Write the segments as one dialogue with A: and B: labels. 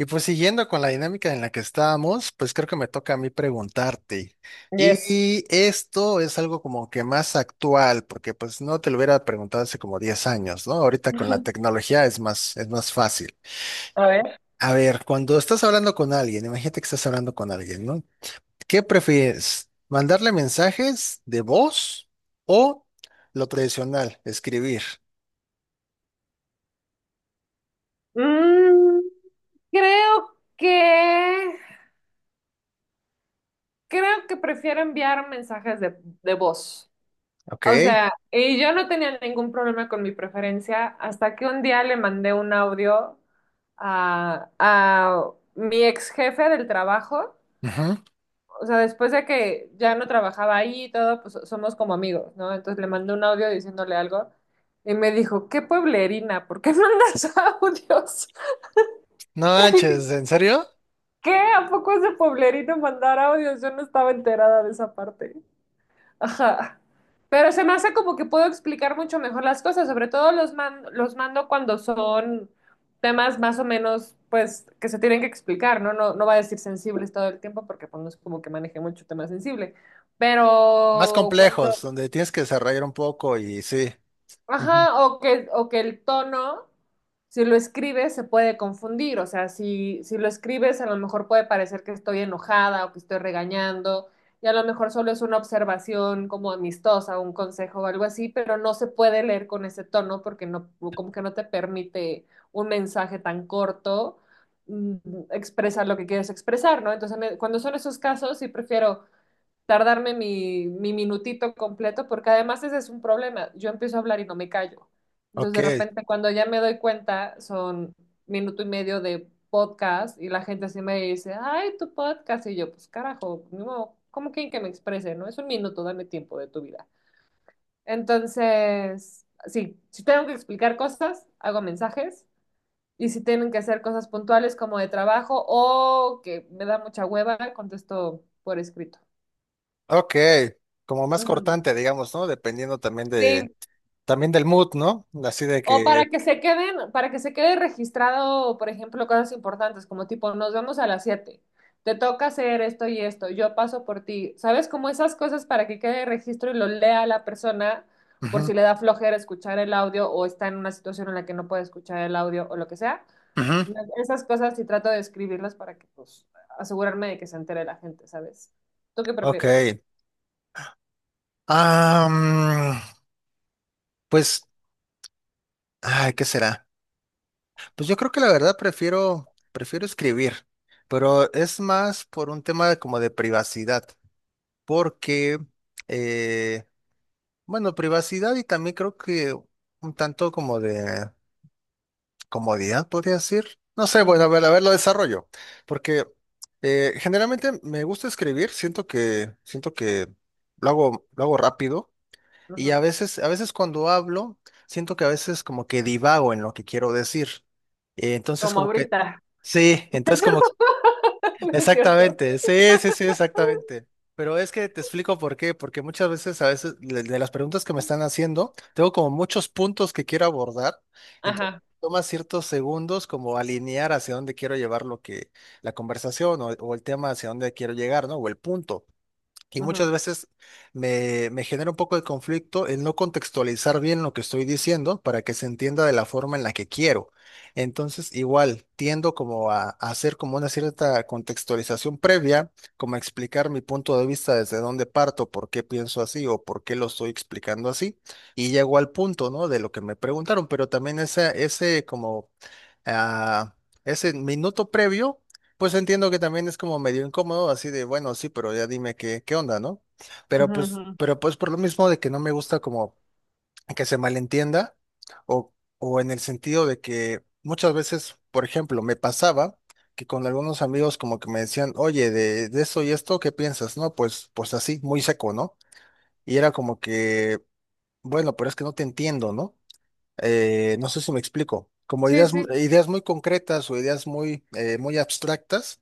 A: Y pues siguiendo con la dinámica en la que estábamos, pues creo que me toca a mí preguntarte.
B: Yes.
A: Y esto es algo como que más actual, porque pues no te lo hubiera preguntado hace como 10 años, ¿no? Ahorita con la tecnología es más fácil.
B: A ver.
A: A ver, cuando estás hablando con alguien, imagínate que estás hablando con alguien, ¿no? ¿Qué prefieres? ¿Mandarle mensajes de voz o lo tradicional, escribir?
B: Mm, creo que creo que prefiero enviar mensajes de voz.
A: ¿Ok?
B: O sea, y yo no tenía ningún problema con mi preferencia hasta que un día le mandé un audio a mi ex jefe del trabajo.
A: Ujú.
B: O sea, después de que ya no trabajaba ahí y todo, pues somos como amigos, ¿no? Entonces le mandé un audio diciéndole algo y me dijo, qué pueblerina, ¿por qué mandas audios?
A: No manches, ¿en serio?
B: ¿Qué? ¿A poco es de Pueblerino mandar audios? Yo no estaba enterada de esa parte. Ajá. Pero se me hace como que puedo explicar mucho mejor las cosas, sobre todo los los mando cuando son temas más o menos, pues, que se tienen que explicar, ¿no? No, no va a decir sensibles todo el tiempo porque pues, no es como que maneje mucho tema sensible.
A: Más
B: Pero cuando,
A: complejos, donde tienes que desarrollar un poco y sí. Ujú.
B: ajá, o que el tono, si lo escribes, se puede confundir. O sea, si lo escribes, a lo mejor puede parecer que estoy enojada o que estoy regañando, y a lo mejor solo es una observación como amistosa, un consejo o algo así, pero no se puede leer con ese tono porque no, como que no te permite un mensaje tan corto mm, expresar lo que quieres expresar, ¿no? Entonces, cuando son esos casos, sí prefiero tardarme mi minutito completo, porque además ese es un problema. Yo empiezo a hablar y no me callo. Entonces,
A: Ok,
B: de repente, cuando ya me doy cuenta, son minuto y medio de podcast y la gente así me dice, ay, tu podcast. Y yo, pues carajo, no, ¿cómo quieren que me exprese? No, es un minuto, dame tiempo de tu vida. Entonces, sí, si tengo que explicar cosas, hago mensajes. Y si tienen que hacer cosas puntuales como de trabajo o que me da mucha hueva, contesto por escrito.
A: ok. Como más
B: Ujú.
A: cortante, digamos, ¿no? Dependiendo
B: Sí,
A: también del mood, ¿no? Así de
B: o para
A: que.
B: que se queden, para que se quede registrado, por ejemplo, cosas importantes, como tipo, nos vemos a las 7 te toca hacer esto y esto, yo paso por ti. ¿Sabes? Como esas cosas para que quede registro y lo lea la persona por
A: Ujú,
B: si le da flojera escuchar el audio o está en una situación en la que no puede escuchar el audio o lo que sea.
A: ujú.
B: Esas cosas sí trato de escribirlas para que, pues, asegurarme de que se entere la gente, ¿sabes? ¿Tú qué
A: Ok.
B: prefieres?
A: Ah, pues, ay, ¿qué será? Pues yo creo que la verdad prefiero escribir, pero es más por un tema como de privacidad, porque, eh, bueno, privacidad y también creo que un tanto como de comodidad, podría decir. No sé, bueno,
B: Ujú,
A: a ver, lo desarrollo. Porque generalmente me gusta escribir, siento que lo hago rápido. Y
B: ujú.
A: a veces cuando hablo, siento que a veces como que divago en lo que quiero decir. Entonces
B: Como
A: como que,
B: ahorita.
A: sí,
B: ¿Es
A: entonces
B: cierto?
A: como.
B: ¿No ¿Es cierto?
A: Exactamente, sí, sí, sí, exactamente. Pero es que te explico por qué, porque muchas veces, a veces, de las preguntas que me están haciendo, tengo como muchos puntos que quiero abordar, entonces
B: Ajá.
A: toma ciertos segundos como alinear hacia dónde quiero llevar lo que, la conversación o el tema hacia dónde quiero llegar, ¿no? O el punto. Y muchas
B: Ujú,
A: veces me genera un poco de conflicto el no contextualizar bien lo que estoy diciendo para que se entienda de la forma en la que quiero. Entonces, igual, tiendo como a hacer como una cierta contextualización previa, como a explicar mi punto de vista desde dónde parto, por qué pienso así o por qué lo estoy explicando así. Y llego al punto, ¿no? De lo que me preguntaron, pero también ese como a ese minuto previo, pues entiendo que también es como medio incómodo, así de, bueno, sí, pero ya dime qué, onda, ¿no? Pero
B: ujú,
A: pues,
B: ujú,
A: pero pues por lo mismo de que no me gusta como que se malentienda o, o en el sentido de que muchas veces, por ejemplo, me pasaba que con algunos amigos como que me decían, oye, de esto y esto, ¿qué piensas? No, pues así, muy seco, ¿no? Y era como que, bueno, pero es que no te entiendo, ¿no? No sé si me explico, como
B: sí,
A: ideas,
B: sí.
A: ideas muy concretas o ideas muy, muy abstractas,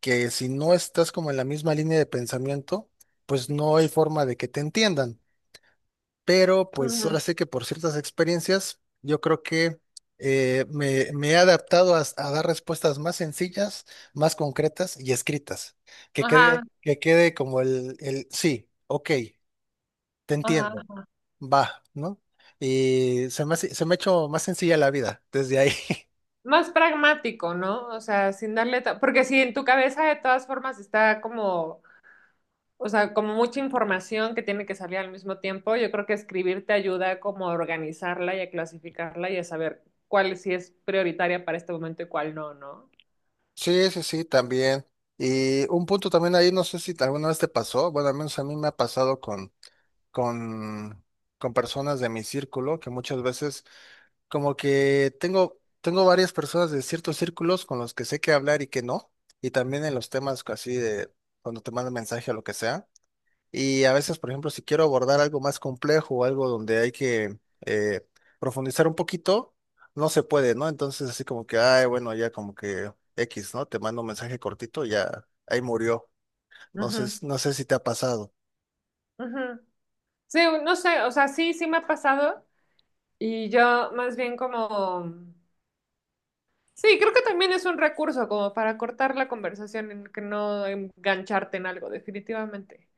A: que si no estás como en la misma línea de pensamiento, pues no hay forma de que te entiendan. Pero pues
B: Ujú.
A: ahora sí que por ciertas experiencias, yo creo que me he adaptado a dar respuestas más sencillas, más concretas y escritas. Que quede,
B: Ajá,
A: que quede como el sí, ok, te
B: ajá.
A: entiendo va, ¿no? Y se me ha hecho más sencilla la vida desde ahí.
B: Más pragmático, ¿no? O sea, sin darle... ta- porque si en tu cabeza de todas formas está como, o sea, como mucha información que tiene que salir al mismo tiempo, yo creo que escribir te ayuda como a organizarla y a clasificarla y a saber cuál sí es prioritaria para este momento y cuál no, ¿no?
A: Sí, sí, sí, también. Y un punto también ahí, no sé si alguna vez te pasó, bueno, al menos a mí me ha pasado con, con personas de mi círculo, que muchas veces como que tengo varias personas de ciertos círculos con los que sé qué hablar y qué no, y también en los temas así de cuando te mandan mensaje o lo que sea. Y a veces, por ejemplo, si quiero abordar algo más complejo o algo donde hay que eh, profundizar un poquito, no se puede, ¿no? Entonces, así como que, ay, bueno, ya como que X, ¿no? Te mando un mensaje cortito, y ya ahí murió. No sé,
B: Ujú,
A: no sé si te ha pasado.
B: ujú. Sí, no sé, o sea, sí, sí me ha pasado y yo más bien como... sí, creo que también es un recurso como para cortar la conversación, en que no engancharte en algo, definitivamente,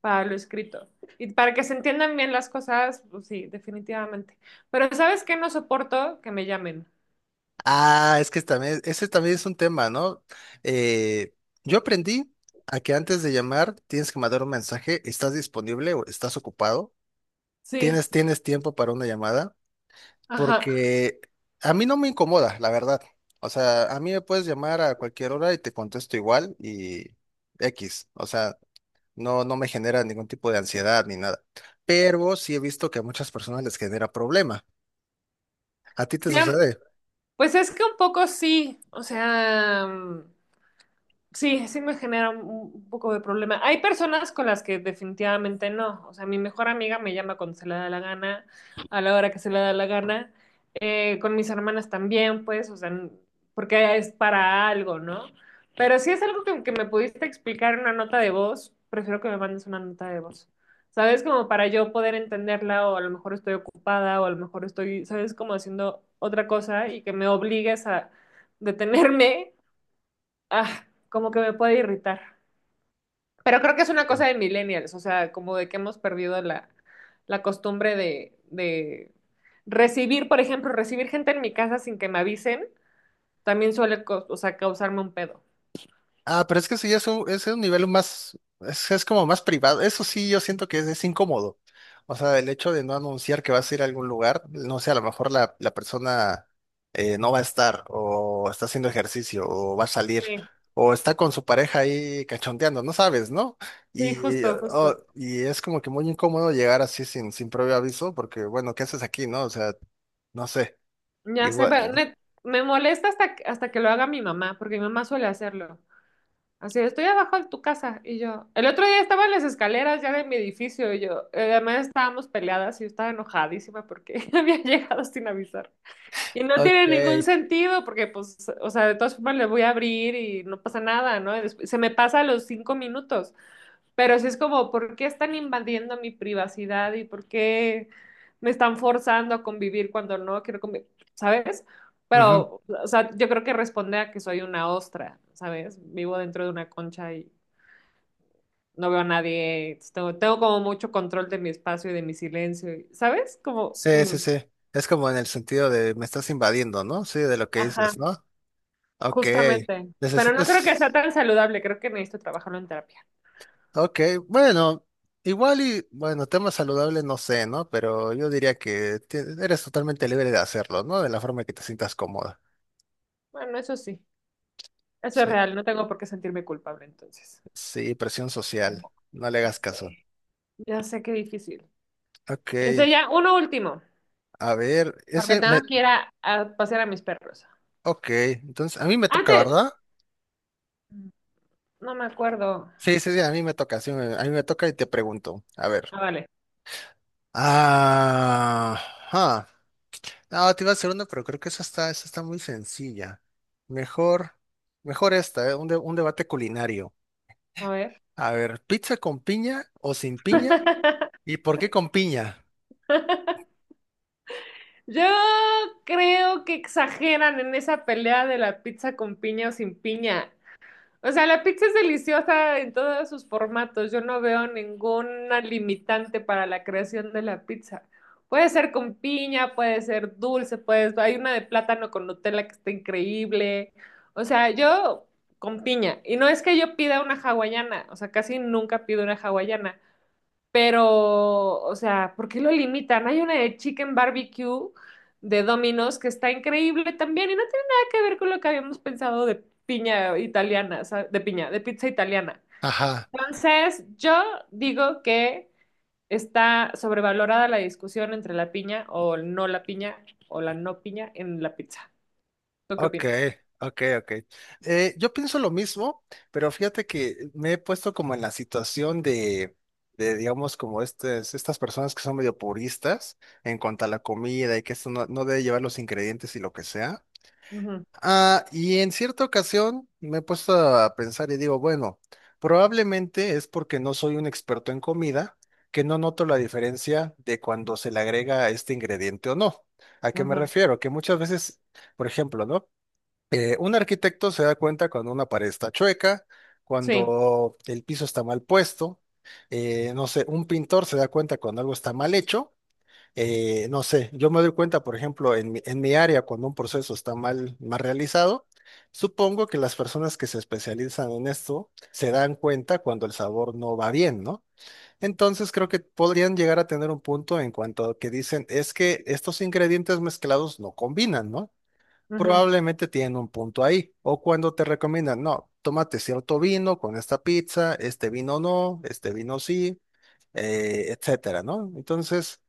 B: para lo escrito. Y para que se entiendan bien las cosas, pues sí, definitivamente. Pero ¿sabes qué? No soporto que me llamen.
A: Ah, es que también, ese también es un tema, ¿no? Eh, yo aprendí a que antes de llamar tienes que mandar un mensaje, ¿estás disponible o estás ocupado?
B: Sí,
A: ¿Tienes tiempo para una llamada?
B: ajá.
A: Porque a mí no me incomoda, la verdad. O sea, a mí me puedes llamar a cualquier hora y te contesto igual y X. O sea, no, no me genera ningún tipo de ansiedad ni nada. Pero sí he visto que a muchas personas les genera problema. ¿A ti te
B: Sí, am-
A: sucede?
B: pues es que un poco sí, o sea... sí, sí me genera un poco de problema. Hay personas con las que definitivamente no. O sea, mi mejor amiga me llama cuando se le da la gana, a la hora que se le da la gana. Con mis hermanas también, pues, o sea, n- porque es para algo, ¿no? Pero si es algo que me pudiste explicar en una nota de voz, prefiero que me mandes una nota de voz. ¿Sabes? Como para yo poder entenderla o a lo mejor estoy ocupada o a lo mejor estoy, ¿sabes? Como haciendo otra cosa y que me obligues a detenerme ah, como que me puede irritar. Pero creo que es una cosa de millennials, o sea, como de que hemos perdido la costumbre de recibir, por ejemplo, recibir gente en mi casa sin que me avisen, también suele, cau- o sea, causarme un pedo.
A: Ah, pero es que eso ya es un nivel más, es como más privado. Eso sí, yo siento que es incómodo. O sea, el hecho de no anunciar que vas a ir a algún lugar, no sé, a lo mejor la persona no va a estar, o está haciendo ejercicio, o va a salir,
B: Sí,
A: o está con su pareja ahí cachondeando, no sabes, ¿no?
B: sí,
A: Y,
B: justo,
A: oh,
B: justo.
A: y es como que muy incómodo llegar así sin previo aviso, porque bueno, ¿qué haces aquí, no? O sea, no sé,
B: Ya sé,
A: igual.
B: pero net- me molesta hasta que lo haga mi mamá, porque mi mamá suele hacerlo. Así, estoy abajo de tu casa. Y yo, el otro día estaba en las escaleras ya de mi edificio y yo, además estábamos peleadas y yo estaba enojadísima porque había llegado sin avisar. Y no
A: Ok.
B: tiene ningún sentido porque, pues, o sea, de todas formas le voy a abrir y no pasa nada, ¿no? Y después- se me pasa a los cinco minutos, pero sí es como, ¿por qué están invadiendo mi privacidad y por qué me están forzando a convivir cuando no quiero convivir? ¿Sabes? Pero, o sea, yo creo que responde a que soy una ostra, ¿sabes? Vivo dentro de una concha y no veo a nadie, entonces tengo, tengo como mucho control de mi espacio y de mi silencio, y- ¿sabes? Como,
A: Sí, sí,
B: mm,
A: sí. Es como en el sentido de me estás invadiendo, ¿no? Sí, de lo que
B: ajá.
A: dices, ¿no? Ok.
B: Justamente. Pero no creo que sea
A: Necesitas.
B: tan saludable, creo que necesito trabajarlo en terapia.
A: Ok, bueno, igual y, bueno, tema saludable no sé, ¿no? Pero yo diría que eres totalmente libre de hacerlo, ¿no? De la forma que te sientas cómoda.
B: Bueno, eso sí, eso es
A: Sí,
B: real, no tengo por qué sentirme culpable entonces.
A: sí, presión social.
B: ¿Cómo?
A: No le
B: Ya
A: hagas caso.
B: sé, ya sé qué difícil.
A: Ok,
B: Este ya, uno último,
A: a ver,
B: porque
A: ese
B: tengo
A: me.
B: que ir a pasear a mis perros.
A: Ok, entonces a mí me toca,
B: Antes,
A: ¿verdad?
B: no me acuerdo.
A: Sí, sí, sí, a mí me toca, sí, a mí me toca y te pregunto. A ver.
B: Ah, vale,
A: Ah. Ah, te iba a hacer una, pero creo que esa está muy sencilla. Mejor, mejor esta, ¿eh? Un debate culinario.
B: a ver.
A: A ver, ¿pizza con piña o sin piña? ¿Y por qué con piña?
B: Yo creo que exageran en esa pelea de la pizza con piña o sin piña. O sea, la pizza es deliciosa en todos sus formatos. Yo no veo ninguna limitante para la creación de la pizza. Puede ser con piña, puede ser dulce, puede... hay una de plátano con Nutella que está increíble. O sea, yo con piña. Y no es que yo pida una hawaiana, o sea, casi nunca pido una hawaiana. Pero, o sea, ¿por qué lo limitan? Hay una de Chicken Barbecue de Domino's que está increíble también y no tiene nada que ver con lo que habíamos pensado de piña italiana, o de piña, de pizza italiana.
A: Ajá.
B: Entonces, yo digo que está sobrevalorada la discusión entre la piña o no la piña o la no piña en la pizza. ¿Tú qué
A: Ok,
B: opinas?
A: ok, ok. Yo pienso lo mismo, pero fíjate que me he puesto como en la situación de digamos, como estas personas que son medio puristas en cuanto a la comida y que esto no, no debe llevar los ingredientes y lo que sea.
B: Ujú,
A: Ah, y en cierta ocasión me he puesto a pensar y digo, bueno, probablemente es porque no soy un experto en comida que no noto la diferencia de cuando se le agrega este ingrediente o no. ¿A qué me
B: ujú.
A: refiero? Que muchas veces, por ejemplo, ¿no? Un arquitecto se da cuenta cuando una pared está chueca,
B: Sí.
A: cuando el piso está mal puesto, no sé, un pintor se da cuenta cuando algo está mal hecho, no sé, yo me doy cuenta, por ejemplo, en mi área, cuando un proceso está mal, mal realizado, supongo que las personas que se especializan en esto se dan cuenta cuando el sabor no va bien, ¿no? Entonces creo que podrían llegar a tener un punto en cuanto a que dicen, es que estos ingredientes mezclados no combinan, ¿no?
B: Ujú,
A: Probablemente tienen un punto ahí. O cuando te recomiendan, no, tómate cierto vino con esta pizza, este vino no, este vino sí, etcétera, ¿no? Entonces,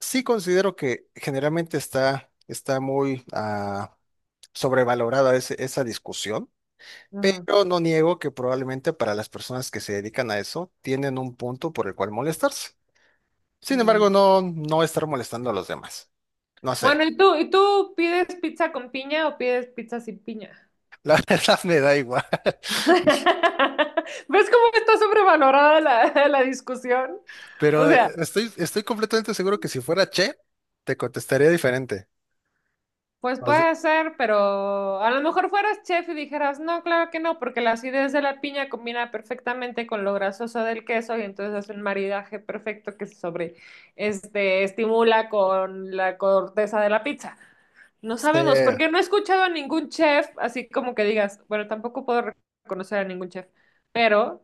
A: sí considero que generalmente está muy sobrevalorada esa discusión,
B: ujú,
A: pero no niego que probablemente para las personas que se dedican a eso tienen un punto por el cual molestarse. Sin embargo,
B: ujú.
A: no, no estar molestando a los demás. No
B: Bueno,
A: sé,
B: ¿y tú? ¿Y tú pides pizza con piña o pides pizza sin piña?
A: la verdad me da igual,
B: ¿Ves cómo está sobrevalorada la discusión? O
A: pero
B: sea,
A: estoy completamente seguro que si fuera Che, te contestaría diferente.
B: pues
A: O sea,
B: puede ser, pero a lo mejor fueras chef y dijeras, no, claro que no, porque la acidez de la piña combina perfectamente con lo grasoso del queso y entonces hace un maridaje perfecto que se sobre, este, estimula con la corteza de la pizza. No sabemos,
A: sí.
B: porque no he escuchado a ningún chef, así como que digas, bueno, tampoco puedo reconocer a ningún chef, pero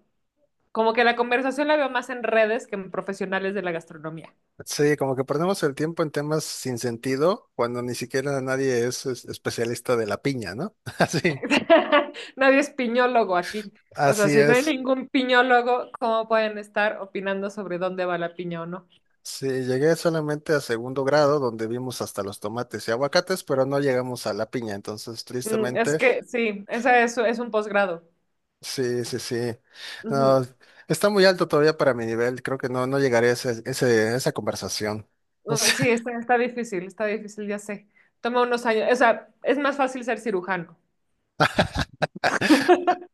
B: como que la conversación la veo más en redes que en profesionales de la gastronomía.
A: Sí, como que perdemos el tiempo en temas sin sentido cuando ni siquiera nadie es especialista de la piña, ¿no? Así,
B: Nadie es piñólogo aquí. O sea,
A: así
B: si no hay
A: es.
B: ningún piñólogo, ¿cómo pueden estar opinando sobre dónde va la piña o no?
A: Sí, llegué solamente a segundo grado donde vimos hasta los tomates y aguacates, pero no llegamos a la piña, entonces
B: Es
A: tristemente,
B: que sí, esa es un posgrado.
A: sí, sí, sí.
B: Ujú.
A: No, está muy alto todavía para mi nivel, creo que no, no llegaré a esa conversación. No sé.
B: Sí, está, está difícil, ya sé. Toma unos años, o sea, es más fácil ser cirujano.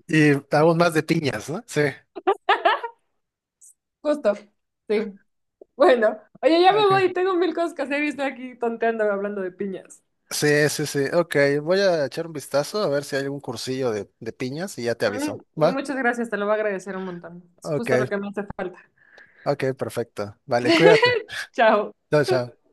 A: Y aún más de piñas, ¿no? Sí.
B: Justo, sí. Bueno, oye, ya me
A: Ok.
B: voy, tengo mil cosas que hacer y estoy aquí tonteando hablando de piñas.
A: Sí, sí, sí. Ok, voy a echar un vistazo a ver si hay algún cursillo de piñas y ya te aviso.
B: Mm,
A: ¿Va?
B: Muchas gracias, te lo voy a agradecer un montón. Es
A: Ok,
B: justo lo que me hace falta.
A: ok, perfecto. Vale, cuídate.
B: Chao.
A: Chao, chao.